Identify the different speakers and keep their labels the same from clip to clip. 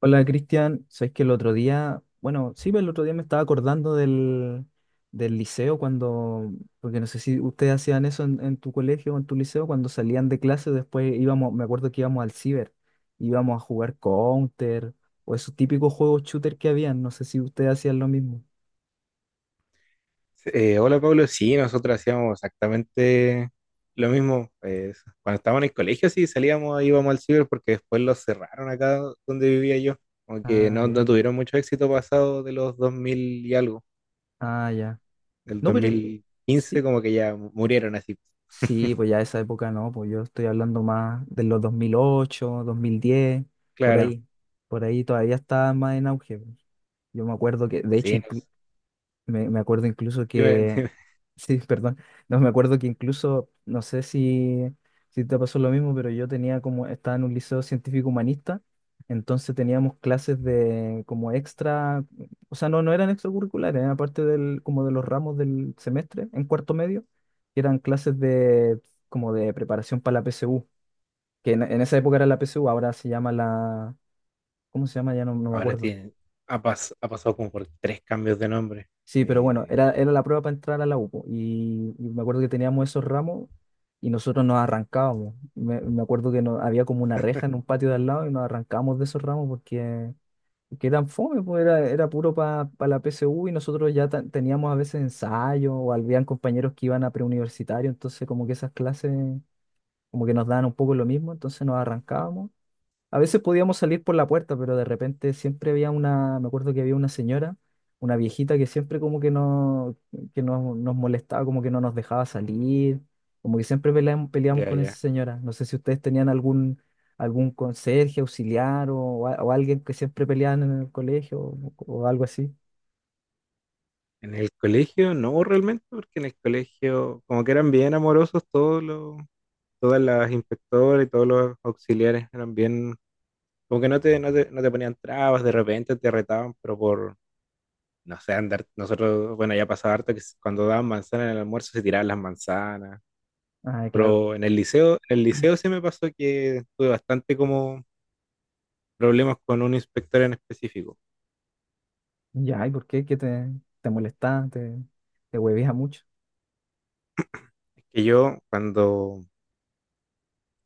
Speaker 1: Hola Cristian, sabes que el otro día, bueno, sí, pero el otro día me estaba acordando del liceo cuando, porque no sé si ustedes hacían eso en tu colegio o en tu liceo, cuando salían de clase, después íbamos, me acuerdo que íbamos al ciber, íbamos a jugar Counter o esos típicos juegos shooter que habían, no sé si ustedes hacían lo mismo.
Speaker 2: Hola Pablo, sí, nosotros hacíamos exactamente lo mismo. Cuando estábamos en el colegio, sí, salíamos, ahí, íbamos al ciber porque después los cerraron acá donde vivía yo. Como que
Speaker 1: Ah,
Speaker 2: no
Speaker 1: ya.
Speaker 2: tuvieron mucho éxito pasado de los 2000 y algo,
Speaker 1: Ah, ya.
Speaker 2: del
Speaker 1: No,
Speaker 2: dos
Speaker 1: pero
Speaker 2: mil quince
Speaker 1: sí.
Speaker 2: como que ya murieron así.
Speaker 1: Sí, pues ya esa época no, pues yo estoy hablando más de los 2008, 2010, por
Speaker 2: Claro,
Speaker 1: ahí. Por ahí todavía está más en auge, pues. Yo me acuerdo que, de hecho,
Speaker 2: sí. No sé.
Speaker 1: me acuerdo incluso
Speaker 2: Dime-
Speaker 1: que,
Speaker 2: dime.
Speaker 1: sí, perdón, no, me acuerdo que incluso, no sé si, si te pasó lo mismo, pero yo tenía como, estaba en un liceo científico humanista, entonces teníamos clases de como extra, o sea, no eran extracurriculares, eran parte del, como de los ramos del semestre, en cuarto medio, que eran clases de, como de preparación para la PSU, que en esa época era la PSU, ahora se llama la, ¿cómo se llama? Ya no me
Speaker 2: Ahora
Speaker 1: acuerdo.
Speaker 2: tiene, ha pasado como por tres cambios de nombre.
Speaker 1: Sí, pero bueno,
Speaker 2: Eh,
Speaker 1: era la prueba para entrar a la UPO y me acuerdo que teníamos esos ramos y nosotros nos arrancábamos. Me acuerdo que no, había como una reja en un patio de al lado y nos arrancábamos de esos ramos porque, porque eran fome, pues era, era puro para la PSU y nosotros teníamos a veces ensayo o habían compañeros que iban a preuniversitario, entonces como que esas clases como que nos daban un poco lo mismo, entonces nos arrancábamos. A veces podíamos salir por la puerta, pero de repente siempre había una, me acuerdo que había una señora, una viejita que siempre como que, no, que nos molestaba, como que no nos dejaba salir, como que siempre peleamos, peleamos
Speaker 2: ya,
Speaker 1: con
Speaker 2: ya.
Speaker 1: esa señora. No sé si ustedes tenían algún, algún conserje, auxiliar o, o alguien que siempre peleaban en el colegio o algo así.
Speaker 2: En el colegio no realmente, porque en el colegio como que eran bien amorosos todos los todas las inspectoras y todos los auxiliares eran bien, como que no te ponían trabas, de repente te retaban, pero por, no sé, andar, nosotros, bueno, ya pasaba harto que cuando daban manzanas en el almuerzo se tiraban las manzanas,
Speaker 1: Ah, claro.
Speaker 2: pero en el liceo sí me pasó que tuve bastante como problemas con un inspector en específico.
Speaker 1: Ya, ¿y por qué? ¿Qué te, te molestaba? ¿Te, te huevía mucho?
Speaker 2: Es que yo cuando,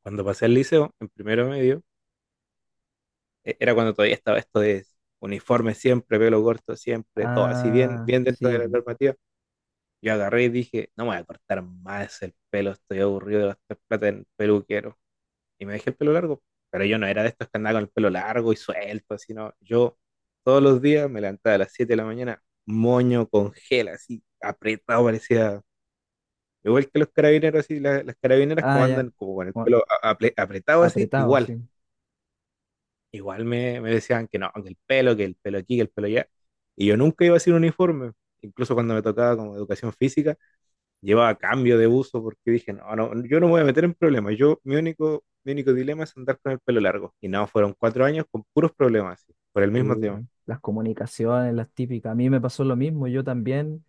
Speaker 2: cuando pasé al liceo, en primero medio, era cuando todavía estaba esto de uniforme siempre, pelo corto siempre, todo así bien,
Speaker 1: Ah,
Speaker 2: bien dentro de
Speaker 1: sí.
Speaker 2: la normativa. Yo agarré y dije, no me voy a cortar más el pelo, estoy aburrido de gastar plata en peluquero. Y me dejé el pelo largo. Pero yo no era de estos que andaban con el pelo largo y suelto, sino yo todos los días me levantaba a las 7 de la mañana, moño con gel, así apretado, parecía igual que los carabineros, así, las, carabineras como
Speaker 1: Ah, ya.
Speaker 2: andan como con el
Speaker 1: Bueno,
Speaker 2: pelo apretado así,
Speaker 1: apretado,
Speaker 2: igual.
Speaker 1: sí.
Speaker 2: Igual me decían que no, que el pelo aquí, que el pelo allá. Y yo nunca iba sin uniforme. Incluso cuando me tocaba como educación física, llevaba cambio de uso porque dije, no, no, yo no me voy a meter en problemas. Yo, mi único dilema es andar con el pelo largo. Y no, fueron 4 años con puros problemas, sí, por el
Speaker 1: Sí,
Speaker 2: mismo tema.
Speaker 1: ¿no? Las comunicaciones, las típicas. A mí me pasó lo mismo, yo también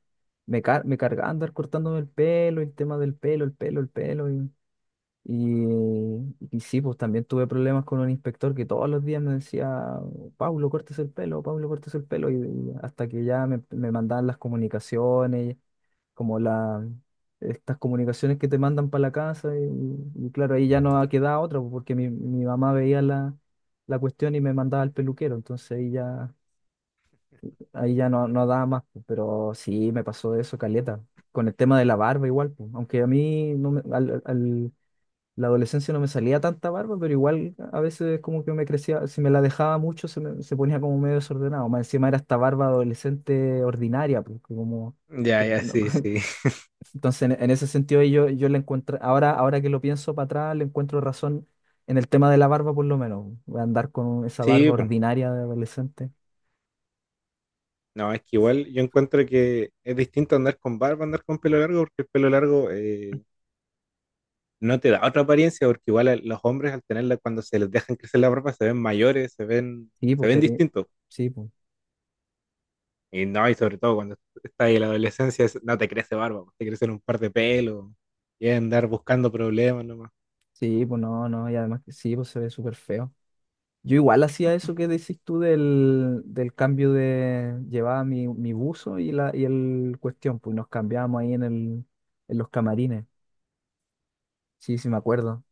Speaker 1: me cargaba andar cortándome el pelo, el tema del pelo, el pelo, el pelo. Y, y sí, pues también tuve problemas con un inspector que todos los días me decía, Pablo, cortes el pelo, Pablo, cortes el pelo. Y hasta que ya me mandaban las comunicaciones, como la, estas comunicaciones que te mandan para la casa. Y claro, ahí ya no quedaba otra, pues, porque mi mamá veía la, la cuestión y me mandaba al peluquero. Entonces ahí ya no, no daba más, pues, pero sí me pasó eso, caleta. Con el tema de la barba igual, pues, aunque a mí no me- al, al- la adolescencia no me salía tanta barba, pero igual a veces como que me crecía, si me la dejaba mucho se ponía como medio desordenado. Más encima era esta barba adolescente ordinaria, pues, que como...
Speaker 2: Ya,
Speaker 1: que
Speaker 2: ya,
Speaker 1: no-
Speaker 2: sí, sí.
Speaker 1: Entonces en ese sentido yo, yo le encuentro, ahora, ahora que lo pienso para atrás, le encuentro razón en el tema de la barba por lo menos. Voy a andar con esa
Speaker 2: Sí,
Speaker 1: barba
Speaker 2: pues.
Speaker 1: ordinaria de adolescente.
Speaker 2: No, es que igual yo encuentro que es distinto andar con barba, andar con pelo largo, porque el pelo largo no te da otra apariencia, porque igual a los hombres al tenerla, cuando se les dejan crecer la barba, se ven mayores, se ven,
Speaker 1: Sí,
Speaker 2: se
Speaker 1: pues
Speaker 2: ven
Speaker 1: te,
Speaker 2: distintos.
Speaker 1: sí, pues.
Speaker 2: Y no, y sobre todo cuando estás en la adolescencia, no te crece barba, pues, te crecen un par de pelos y andar buscando problemas nomás.
Speaker 1: Sí, pues no, no, y además que sí, pues se ve súper feo. Yo igual hacía eso que decís tú del, del cambio de... Llevaba mi, mi buzo y, la, y el cuestión, pues nos cambiábamos ahí en los camarines. Sí, sí, me acuerdo.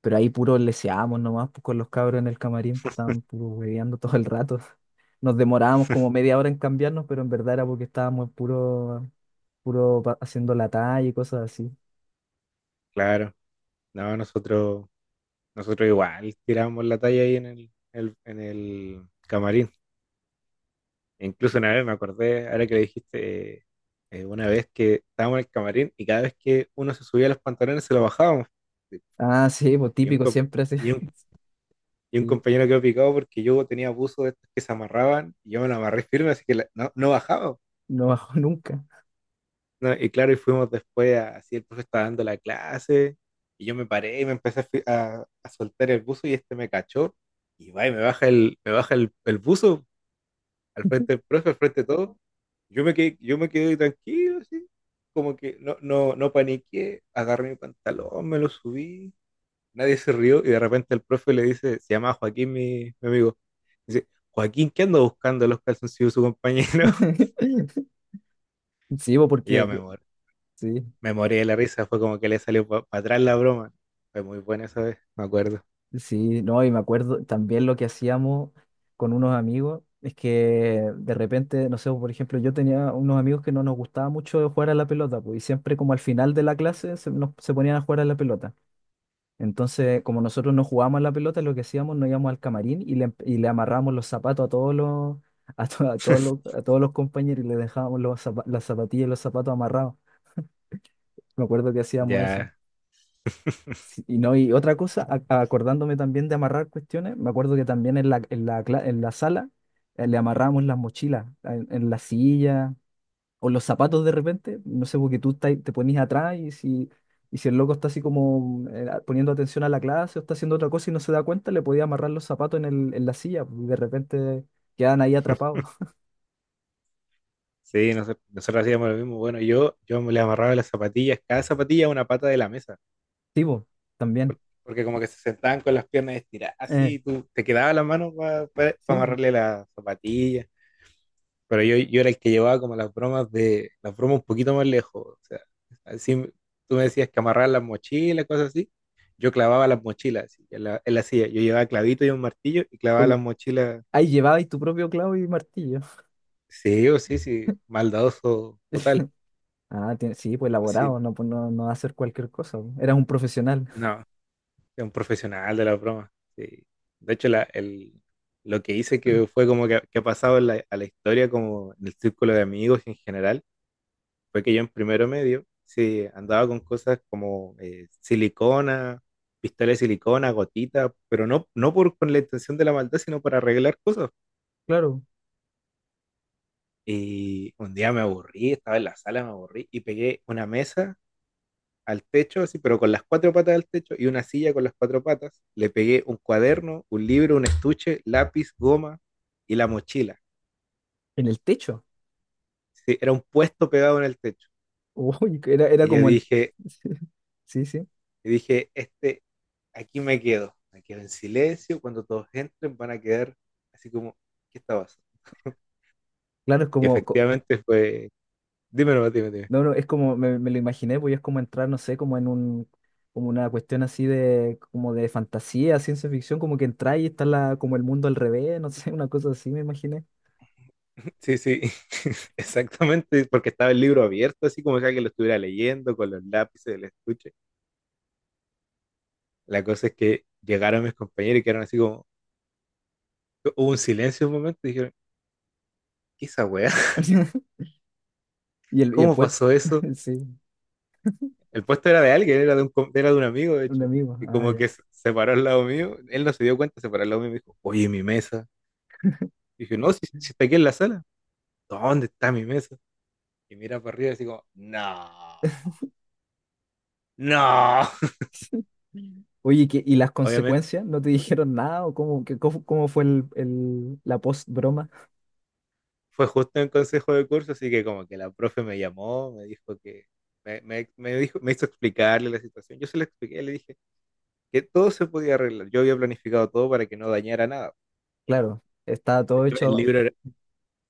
Speaker 1: Pero ahí puro leseábamos nomás, pues con los cabros en el camarín, estaban puro hueveando todo el rato. Nos demorábamos como media hora en cambiarnos, pero en verdad era porque estábamos puro, haciendo la talla y cosas así.
Speaker 2: Claro, no, nosotros igual tiramos la talla ahí en el camarín. E incluso una vez me acordé, ahora que le dijiste, una vez que estábamos en el camarín y cada vez que uno se subía los pantalones se los bajábamos.
Speaker 1: Ah, sí, pues
Speaker 2: Y un,
Speaker 1: típico,
Speaker 2: com-
Speaker 1: siempre así.
Speaker 2: y un, y un
Speaker 1: Sí,
Speaker 2: compañero quedó picado porque yo tenía buzos de estos que se amarraban y yo me lo amarré firme, así que no, no bajaba.
Speaker 1: no bajó nunca.
Speaker 2: No, y claro, y fuimos después, así el profe estaba dando la clase, y yo me paré y me empecé a soltar el buzo y este me cachó, y va y me baja el buzo al frente del profe, al frente de todo. Yo me quedé tranquilo, así, como que no paniqué, agarré mi pantalón, me lo subí, nadie se rió, y de repente el profe le dice, se llama Joaquín, mi amigo, dice, Joaquín, ¿qué anda buscando los calzoncillos de su compañero?
Speaker 1: Sí, bo,
Speaker 2: Y
Speaker 1: porque
Speaker 2: yo me morí.
Speaker 1: sí,
Speaker 2: Me morí de la risa, fue como que le salió para atrás la broma. Fue muy buena esa vez, me acuerdo.
Speaker 1: sí, no, y me acuerdo también lo que hacíamos con unos amigos, es que de repente, no sé, por ejemplo, yo tenía unos amigos que no nos gustaba mucho jugar a la pelota, pues, y siempre como al final de la clase se ponían a jugar a la pelota. Entonces, como nosotros no jugábamos a la pelota, lo que hacíamos, nos íbamos al camarín y le amarrábamos los zapatos a todos los, a todos los compañeros y le dejábamos los las zapatillas y los zapatos amarrados. Me acuerdo que hacíamos eso.
Speaker 2: Ya,
Speaker 1: Sí. Y, no, y otra cosa, acordándome también de amarrar cuestiones, me acuerdo que también en la sala le amarramos las mochilas en la silla o los zapatos de repente, no sé, porque tú te te ponías atrás y si el loco está así como poniendo atención a la clase o está haciendo otra cosa y no se da cuenta, le podía amarrar los zapatos en la silla pues, y de repente quedan ahí atrapados.
Speaker 2: sí, nosotros hacíamos lo mismo. Bueno, yo me le amarraba las zapatillas, cada zapatilla a una pata de la mesa,
Speaker 1: Sí, po, también.
Speaker 2: porque como que se sentaban con las piernas estiradas,
Speaker 1: Eh,
Speaker 2: así, y tú te quedaba la mano para
Speaker 1: sí, po.
Speaker 2: amarrarle las zapatillas. Pero yo era el que llevaba como las bromas un poquito más lejos. O sea, así tú me decías que amarrar las mochilas, cosas así. Yo clavaba las mochilas así, en la silla. Yo llevaba clavito y un martillo y clavaba
Speaker 1: Bueno,
Speaker 2: las mochilas.
Speaker 1: ahí llevabais tu propio clavo y martillo.
Speaker 2: Sí, o sí, sí, maldadoso total.
Speaker 1: Ah, tiene- sí, pues
Speaker 2: Así,
Speaker 1: elaborado, no, pues no, no va a hacer cualquier cosa, po. Era un profesional,
Speaker 2: no, es un profesional de la broma. Sí. De hecho, lo que hice que fue como que ha pasado a la historia, como en el círculo de amigos en general, fue que yo en primero medio, sí, andaba con cosas como silicona, pistola de silicona, gotita, pero no por, con la intención de la maldad, sino para arreglar cosas.
Speaker 1: claro.
Speaker 2: Y un día me aburrí, estaba en la sala, me aburrí y pegué una mesa al techo, así, pero con las cuatro patas al techo y una silla con las cuatro patas. Le pegué un cuaderno, un libro, un estuche, lápiz, goma y la mochila.
Speaker 1: En el techo.
Speaker 2: Sí, era un puesto pegado en el techo.
Speaker 1: Uy, era, era
Speaker 2: Y yo
Speaker 1: como en...
Speaker 2: dije,
Speaker 1: Sí, sí.
Speaker 2: dije, este, aquí me quedo. Me quedo en silencio. Cuando todos entren van a quedar así como, ¿qué está pasando?
Speaker 1: Claro, es
Speaker 2: Y
Speaker 1: como... co-
Speaker 2: efectivamente fue... Dime nomás, dime.
Speaker 1: No, no, es como, me lo imaginé, pues es como entrar, no sé, como en un, como una cuestión así de, como de fantasía, ciencia ficción, como que entra y está la, como el mundo al revés, no sé, una cosa así me imaginé.
Speaker 2: Sí, sí, exactamente, porque estaba el libro abierto, así como si alguien lo estuviera leyendo con los lápices del estuche. La cosa es que llegaron mis compañeros y quedaron así como, hubo un silencio un momento y dijeron, ¿qué es esa weá?
Speaker 1: Y el
Speaker 2: ¿Cómo
Speaker 1: puente,
Speaker 2: pasó eso?
Speaker 1: sí,
Speaker 2: El puesto era de alguien, era de un amigo, de
Speaker 1: un
Speaker 2: hecho.
Speaker 1: amigo.
Speaker 2: Y
Speaker 1: Ah,
Speaker 2: como
Speaker 1: ya.
Speaker 2: que se paró al lado mío, él no se dio cuenta, se paró al lado mío y me dijo, oye, mi mesa. Y dije, no, si está aquí en la sala, ¿dónde está mi mesa? Y mira para arriba y así como, no, no.
Speaker 1: Oye, ¿qué- y las
Speaker 2: Obviamente
Speaker 1: consecuencias? ¿No te dijeron nada? ¿O cómo, qué- cómo, cómo fue el- la post-broma?
Speaker 2: fue justo en consejo de curso, así que como que la profe me llamó, me dijo, me hizo explicarle la situación. Yo se la expliqué, le dije, que todo se podía arreglar. Yo había planificado todo para que no dañara nada.
Speaker 1: Claro, estaba
Speaker 2: De
Speaker 1: todo
Speaker 2: hecho, el
Speaker 1: hecho.
Speaker 2: libro,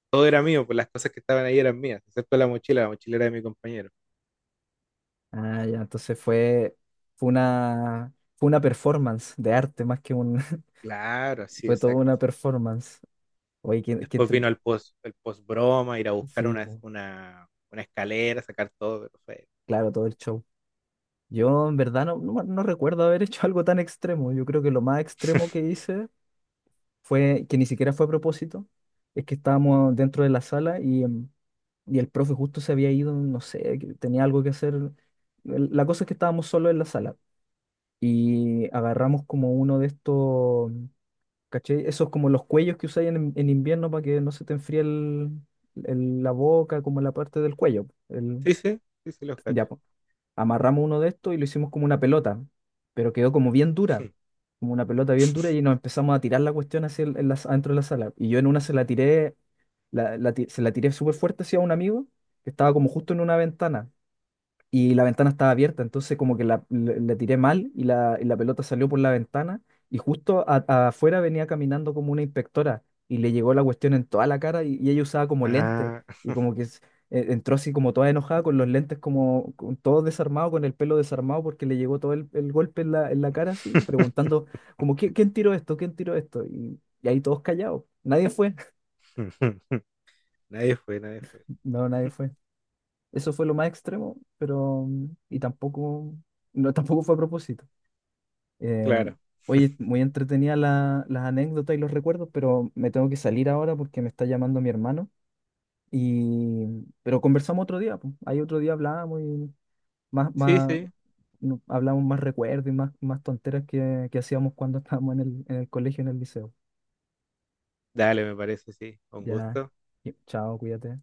Speaker 2: todo era mío, pues las cosas que estaban ahí eran mías, excepto la mochila era de mi compañero.
Speaker 1: Ah, ya, entonces
Speaker 2: Y
Speaker 1: fue, fue una performance de arte más que un...
Speaker 2: claro, sí,
Speaker 1: Fue toda
Speaker 2: exacto.
Speaker 1: una performance. Oye, qué, qué
Speaker 2: Después vino
Speaker 1: entrete-
Speaker 2: el post broma, ir a buscar
Speaker 1: Sí,
Speaker 2: una,
Speaker 1: po,
Speaker 2: una, una escalera, sacar todo, pero fue...
Speaker 1: claro, todo el show. Yo en verdad no, no, no recuerdo haber hecho algo tan extremo. Yo creo que lo más extremo que hice fue que ni siquiera fue a propósito, es que estábamos dentro de la sala y, y el profe justo se había ido, no sé, que tenía algo que hacer. La cosa es que estábamos solos en la sala y agarramos como uno de estos, ¿cachai? Esos como los cuellos que usáis en invierno para que no se te enfríe la boca, como la parte del cuello. El,
Speaker 2: Sí, sí, sí, sí, los cacho.
Speaker 1: ya, amarramos uno de estos y lo hicimos como una pelota, pero quedó como bien dura, como una pelota bien dura y nos empezamos a tirar la cuestión hacia adentro de la sala. Y yo en una se la tiré, se la tiré súper fuerte hacia un amigo que estaba como justo en una ventana y la ventana estaba abierta, entonces como que la, le tiré mal y la pelota salió por la ventana y justo afuera venía caminando como una inspectora y le llegó la cuestión en toda la cara y ella usaba como lentes
Speaker 2: Ah.
Speaker 1: y como que entró así como toda enojada con los lentes como con, todo desarmado, con el pelo desarmado porque le llegó todo el golpe en la cara así, preguntando como "¿Qui- quién tiró esto? ¿Quién tiró esto?" Y ahí todos callados, nadie fue,
Speaker 2: Nadie fue, nadie fue.
Speaker 1: no, nadie fue. Eso fue lo más extremo, pero... mm, y tampoco... No, tampoco fue a propósito. Eh,
Speaker 2: Claro.
Speaker 1: oye, muy entretenida la- las anécdotas y los recuerdos, pero me tengo que salir ahora porque me está llamando mi hermano. Y, pero conversamos otro día, pues. Ahí otro día hablábamos y más,
Speaker 2: Sí,
Speaker 1: más,
Speaker 2: sí.
Speaker 1: no- hablamos más recuerdos y más, más tonteras que hacíamos cuando estábamos en el colegio, en el liceo.
Speaker 2: Dale, me parece, sí. Con
Speaker 1: Ya,
Speaker 2: gusto.
Speaker 1: y- chao, cuídate.